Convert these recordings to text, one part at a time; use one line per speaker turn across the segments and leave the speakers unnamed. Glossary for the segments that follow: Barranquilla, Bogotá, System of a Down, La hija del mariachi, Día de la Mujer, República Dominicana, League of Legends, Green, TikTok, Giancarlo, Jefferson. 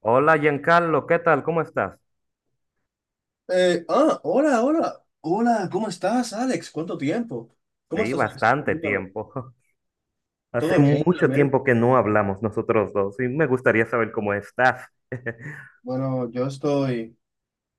Hola Giancarlo, ¿qué tal? ¿Cómo estás?
Hola, ¿cómo estás, Alex? ¿Cuánto tiempo? ¿Cómo
Sí,
estás, Alex?
bastante
Permítame.
tiempo. Hace
¿Todo bien,
mucho
realmente?
tiempo que no hablamos nosotros dos y me gustaría saber cómo estás.
Bueno, yo estoy...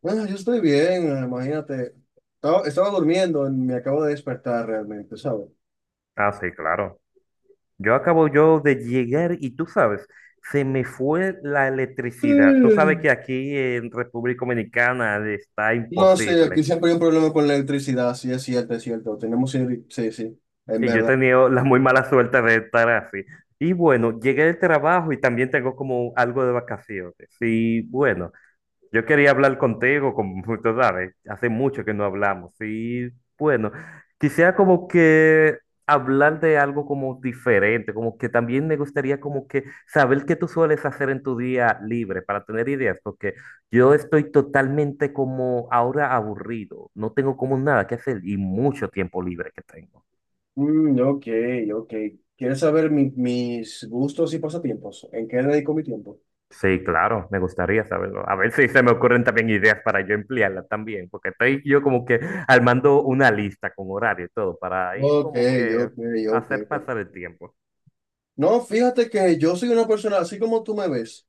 Bueno, yo estoy bien, imagínate. Estaba durmiendo y me acabo de despertar realmente, ¿sabes?
Ah, sí, claro. Yo acabo yo de llegar y tú sabes, se me fue la electricidad. Tú sabes
Mm.
que aquí en República Dominicana está
No sé,
imposible.
aquí siempre hay un problema con la electricidad, sí, es cierto, es cierto. Sí, sí, en
Y yo he
verdad.
tenido la muy mala suerte de estar así. Y bueno, llegué del trabajo y también tengo como algo de vacaciones. Y bueno. Yo quería hablar contigo, como tú sabes, hace mucho que no hablamos. Y bueno, quisiera como que hablar de algo como diferente, como que también me gustaría como que saber qué tú sueles hacer en tu día libre para tener ideas, porque yo estoy totalmente como ahora aburrido, no tengo como nada que hacer y mucho tiempo libre que tengo.
Mm, ok, ok. ¿Quieres saber mis gustos y pasatiempos? ¿En qué dedico mi tiempo?
Sí, claro, me gustaría saberlo. A ver si se me ocurren también ideas para yo emplearla también, porque estoy yo como que armando una lista con horario y todo para ir
Ok,
como que
ok, ok.
hacer
Ok.
pasar el tiempo.
No, fíjate que yo soy una persona, así como tú me ves,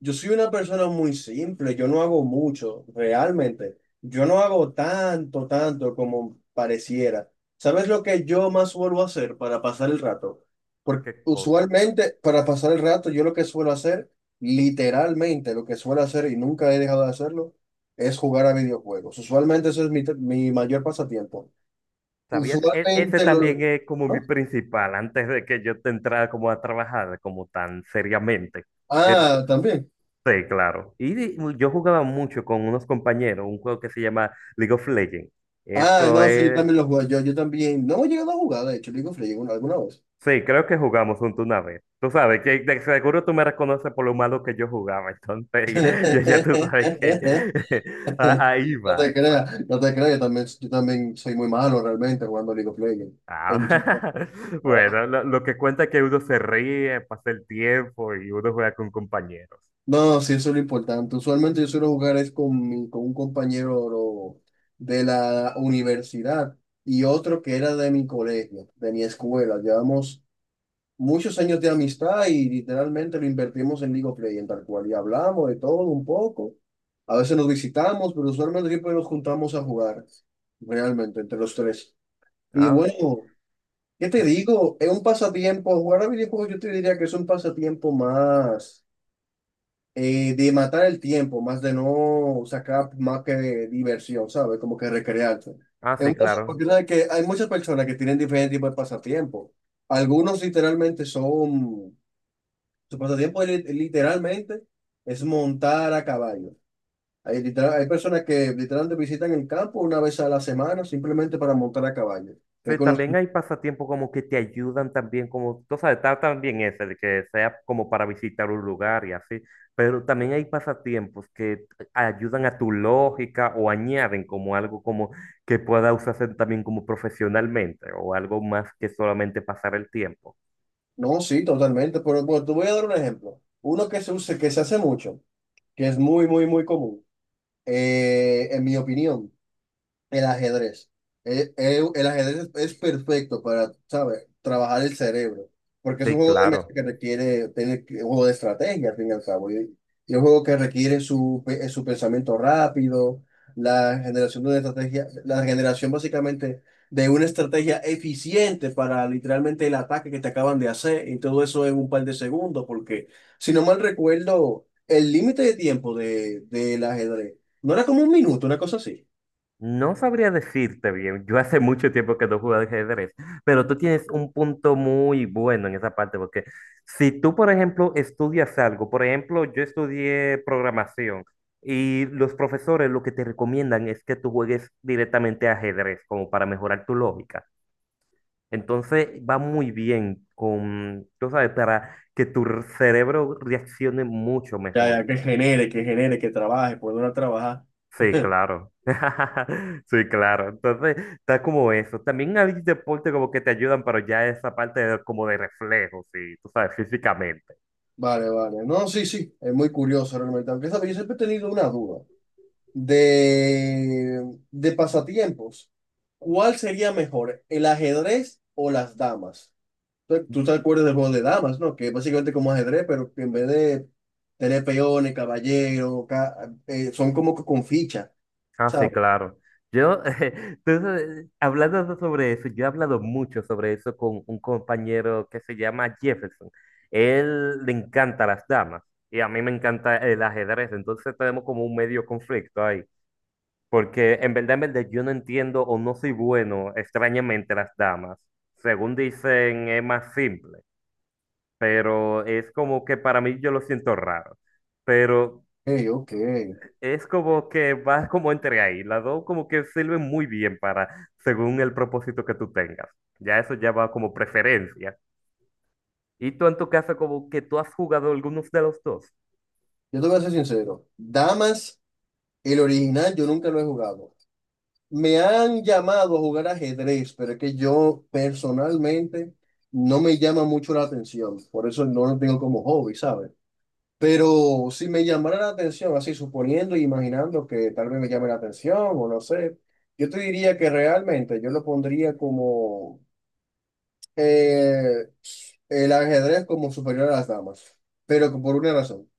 yo soy una persona muy simple, yo no hago mucho, realmente. Yo no hago tanto, tanto como pareciera. ¿Sabes lo que yo más suelo hacer para pasar el rato? Porque
¿Qué cosa?
usualmente para pasar el rato yo lo que suelo hacer, literalmente lo que suelo hacer y nunca he dejado de hacerlo, es jugar a videojuegos. Usualmente eso es mi mayor pasatiempo.
¿Sabías? Ese
Usualmente lo...
también es como
¿Ah?
mi principal antes de que yo te entrara como a trabajar como tan seriamente. El-
Ah, también.
Sí, claro. Y yo jugaba mucho con unos compañeros, un juego que se llama League of Legends.
Ah,
Eso
no, sí, yo
es.
también lo jugué, yo también, no he llegado a jugar, de hecho, League of Legends una- alguna vez.
Sí, creo que jugamos juntos una vez. Tú sabes que de seguro tú me reconoces por lo malo que yo jugaba, entonces ya tú sabes que ahí
No
va
te
eso.
creas, no te creas, yo también soy muy malo realmente jugando League of Legends.
Ah,
En chica, no.
bueno, lo que cuenta es que uno se ríe, pasa el tiempo y uno juega con compañeros.
No, sí, eso es lo importante. Usualmente yo suelo jugar es con un compañero de la universidad y otro que era de mi colegio, de mi escuela. Llevamos muchos años de amistad y literalmente lo invertimos en League of Legends, tal cual. Y hablamos de todo un poco. A veces nos visitamos, pero usualmente siempre nos juntamos a jugar, realmente, entre los tres. Y
Ah,
bueno, ¿qué te
es-
digo? Es un pasatiempo, jugar a videojuegos yo te diría que es un pasatiempo más de matar el tiempo, más de no sacar más que diversión, ¿sabes? Como que recrearte. Es
sí,
un
claro.
pasatiempo que hay muchas personas que tienen diferentes tipos de pasatiempo. Algunos literalmente son su pasatiempo es li- literalmente es montar a caballo. Hay personas que literalmente visitan el campo una vez a la semana simplemente para montar a caballo. Que he
Sí, también hay pasatiempos como que te ayudan también, como, tú sabes, está también ese, de que sea como para visitar un lugar y así, pero también hay pasatiempos que ayudan a tu lógica o añaden como algo como que pueda usarse también como profesionalmente o algo más que solamente pasar el tiempo.
No, sí, totalmente. Pero bueno, te voy a dar un ejemplo. Uno que se usa, que se hace mucho, que es muy, muy, muy común, en mi opinión. El ajedrez. El ajedrez es perfecto para, ¿sabes? Trabajar el cerebro. Porque es un
Sí,
juego de mesa
claro.
que un juego de estrategia, al fin y al cabo. Y un juego que requiere su pensamiento rápido, la generación de una estrategia, la generación básicamente de una estrategia eficiente para literalmente el ataque que te acaban de hacer. Y todo eso en un par de segundos. Porque, si no mal recuerdo, el límite de tiempo de, del ajedrez no era como un minuto, una cosa así.
No sabría decirte bien, yo hace mucho tiempo que no juego al ajedrez, pero tú tienes un punto muy bueno en esa parte, porque si tú, por ejemplo, estudias algo, por ejemplo, yo estudié programación y los profesores lo que te recomiendan es que tú juegues directamente a ajedrez, como para mejorar tu lógica. Entonces va muy bien con, tú sabes, para que tu cerebro reaccione mucho
Ya,
mejor.
ya, que genere, que genere, que trabaje, poner a trabajar.
Sí, claro. Sí, claro. Entonces, está como eso. También hay deportes como que te ayudan, pero ya esa como de reflejos, sí, tú sabes, físicamente.
Vale, vale. No, sí, sí, es muy curioso realmente. Aunque, ¿sabes? Yo siempre he tenido una duda de pasatiempos. ¿Cuál sería mejor, el ajedrez o las damas? Tú te acuerdas del juego de damas, ¿no? Que es básicamente como ajedrez, pero que en vez de tener peones, son como que con ficha,
Ah, sí,
¿sabes?
claro. Yo, entonces, hablando sobre eso, yo he hablado mucho sobre eso con un compañero que se llama Jefferson. Él le encanta las damas y a mí me encanta el ajedrez, entonces tenemos como un medio conflicto ahí. Porque en verdad, yo no entiendo o no soy bueno, extrañamente, las damas. Según dicen, es más simple, pero es como que para mí yo lo siento raro. Pero
Ok, ok.
es como que va como entre ahí. Las dos como que sirven muy bien para, según el propósito que tú tengas. Ya eso ya va como preferencia. Y tú en tu caso, como que tú has jugado algunos de los dos.
Yo te voy a ser sincero. Damas, el original, yo nunca lo he jugado. Me han llamado a jugar ajedrez, pero es que yo personalmente no me llama mucho la atención, por eso no lo tengo como hobby, ¿sabes? Pero si me llamara la atención, así suponiendo e imaginando que tal vez me llame la atención o no sé, yo te diría que realmente yo lo pondría como eh, el ajedrez como superior a las damas, pero por una razón.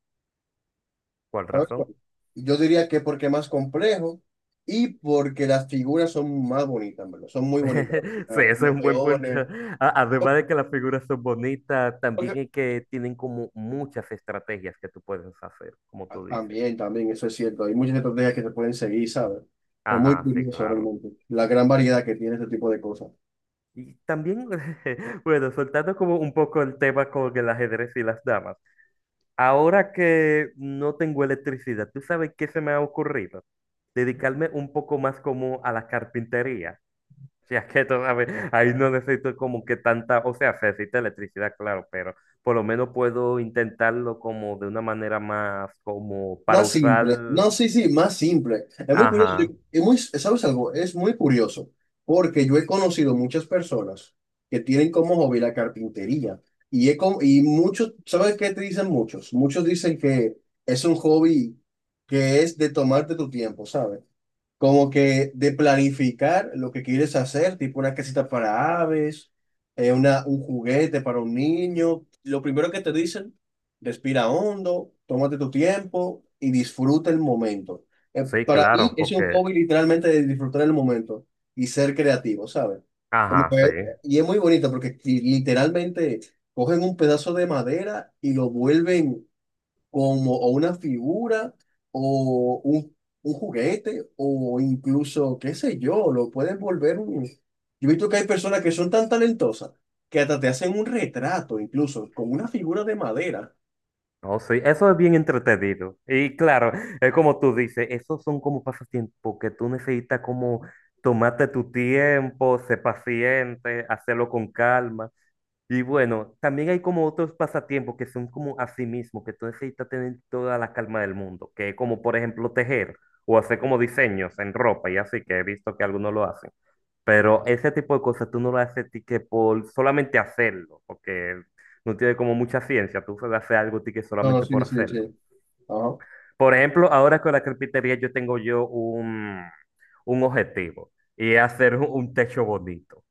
¿Cuál
¿Sabes cuál?
razón?
Yo diría que porque es más complejo y porque las figuras son más bonitas, ¿en verdad? Son muy bonitas.
Sí,
Ah,
ese es
los
un buen punto.
peones.
Además de que las figuras son bonitas, también
porque-
es que tienen como muchas estrategias que tú puedes hacer, como tú dices.
También, también, eso es cierto. Hay muchas estrategias que se pueden seguir, ¿sabes? Es muy
Ajá, sí,
curioso
claro.
realmente la gran variedad que tiene este tipo de cosas.
Y también, bueno, soltando como un poco el tema con el ajedrez y las damas. Ahora que no tengo electricidad, ¿tú sabes qué se me ha ocurrido? Dedicarme un poco más como a la carpintería. Si es que todavía ahí no necesito como que tanta, o sea, se necesita electricidad, claro, pero por lo menos puedo intentarlo como de una manera más como para
Más simple.
usar,
No, sí, sí, más simple.
ajá,
Es muy, ¿sabes algo? Es muy curioso porque yo he conocido muchas personas que tienen como hobby la carpintería y muchos, ¿sabes qué te dicen muchos? Muchos dicen que es un hobby que es de tomarte tu tiempo, ¿sabes? Como que de planificar lo que quieres hacer, tipo una casita para aves, un juguete para un niño. Lo primero que te dicen, respira hondo, tómate tu tiempo y disfruta el momento.
sí,
Para mí
claro,
es un
porque,
hobby literalmente de disfrutar el momento y ser creativo, ¿sabes?
ajá, sí,
Y es muy bonito porque literalmente cogen un pedazo de madera y lo vuelven como o una figura o un juguete o incluso, qué sé yo, lo pueden volver un... Yo he visto que hay personas que son tan talentosas que hasta te hacen un retrato, incluso con una figura de madera.
no, sí, eso es bien entretenido. Y claro, es como tú dices, esos son como pasatiempos que tú necesitas como tomarte tu tiempo, ser paciente, hacerlo con calma. Y bueno, también hay como otros pasatiempos que son como a sí mismo, que tú necesitas tener toda la calma del mundo, que es como por ejemplo tejer o hacer como diseños en ropa y así, que he visto que algunos lo hacen. Pero ese tipo de cosas tú no lo haces ti que por solamente hacerlo, porque no tiene como mucha ciencia, tú solo haces algo ti que
No, no,
solamente
sí,
por
sí,
hacerlo.
sí. Ajá.
Por ejemplo, ahora con la carpintería yo tengo yo un objetivo y es hacer un techo bonito.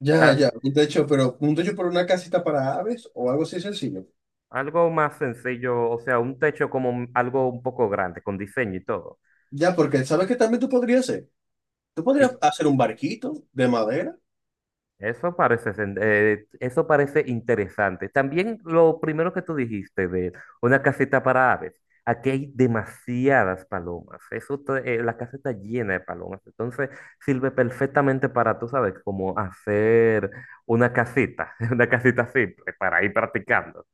Ya,
Ta-
ya, un techo, pero un techo por una casita para aves o algo así sencillo.
Algo más sencillo, o sea, un techo como algo un poco grande, con diseño y todo.
Ya, porque ¿sabes que también tú podrías hacer? Tú podrías
Que
hacer un barquito de madera.
eso parece, eso parece interesante. También lo primero que tú dijiste de una casita para aves. Aquí hay demasiadas palomas. La casa está llena de palomas. Entonces sirve perfectamente para, tú sabes, como hacer una casita, una casita simple para ir practicando.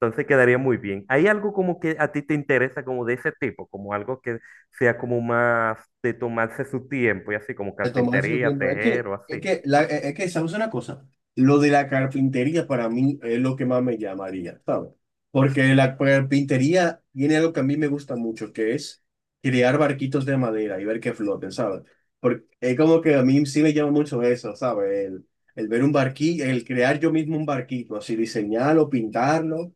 Entonces quedaría muy bien. ¿Hay algo como que a ti te interesa como de ese tipo? Como algo que sea como más de tomarse su tiempo y así como
De tomarse su
carpintería,
tiempo. Es
tejer
que,
o
es
así.
que, la, es es que, ¿sabes una cosa? Lo de la carpintería para mí es lo que más me llamaría, ¿sabes? Porque la carpintería tiene algo que a mí me gusta mucho, que es crear barquitos de madera y ver que floten, ¿sabes? Porque es como que a mí sí me llama mucho eso, ¿sabes? El ver un barquillo, el crear yo mismo un barquito, así diseñarlo, pintarlo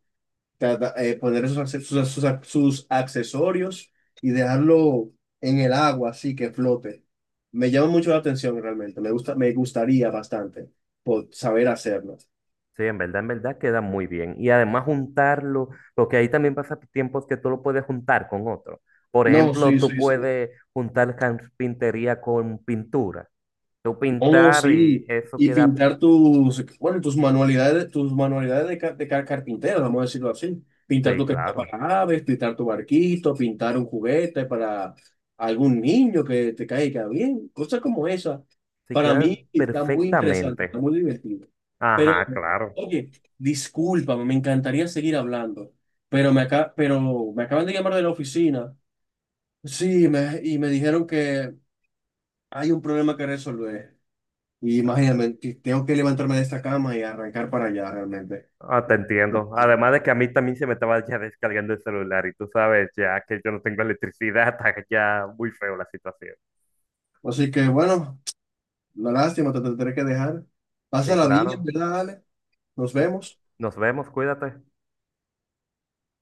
cada- eh, poner sus, acce- sus, sus ac- sus accesorios y dejarlo en el agua, así que flote. Me llama mucho la atención realmente, me gusta, me gustaría bastante por saber hacerlo.
Sí, en verdad queda muy bien. Y además juntarlo, porque ahí también pasa tiempos que tú lo puedes juntar con otro. Por
No,
ejemplo,
sí,
tú
sí, sí.
puedes juntar carpintería con pintura. Tú
Oh,
pintar y
sí.
eso
Y
queda,
pintar tus, bueno, tus manualidades, tus manualidades de carpintero, vamos a decirlo así. Pintar
sí,
tu casita
claro.
para aves, pintar tu barquito, pintar un juguete para algún niño que te caiga bien, cosas como esa.
Sí,
Para
quedan
mí está muy interesante, está
perfectamente.
muy divertido. Pero,
Ajá, claro.
oye, discúlpame, me encantaría seguir hablando, pero pero me acaban de llamar de la oficina. Sí, y me dijeron que hay un problema que resolver. Y imagínate, que tengo que levantarme de esta cama y arrancar para allá realmente.
Ah, te entiendo. Además de que a mí también se me estaba ya descargando el celular y tú sabes ya que yo no tengo electricidad, está ya muy feo la situación.
Así que bueno, una lástima, te tendré que dejar.
Sí,
Pásala bien, en
claro.
verdad, Ale. Nos
Y
vemos.
nos vemos, cuídate.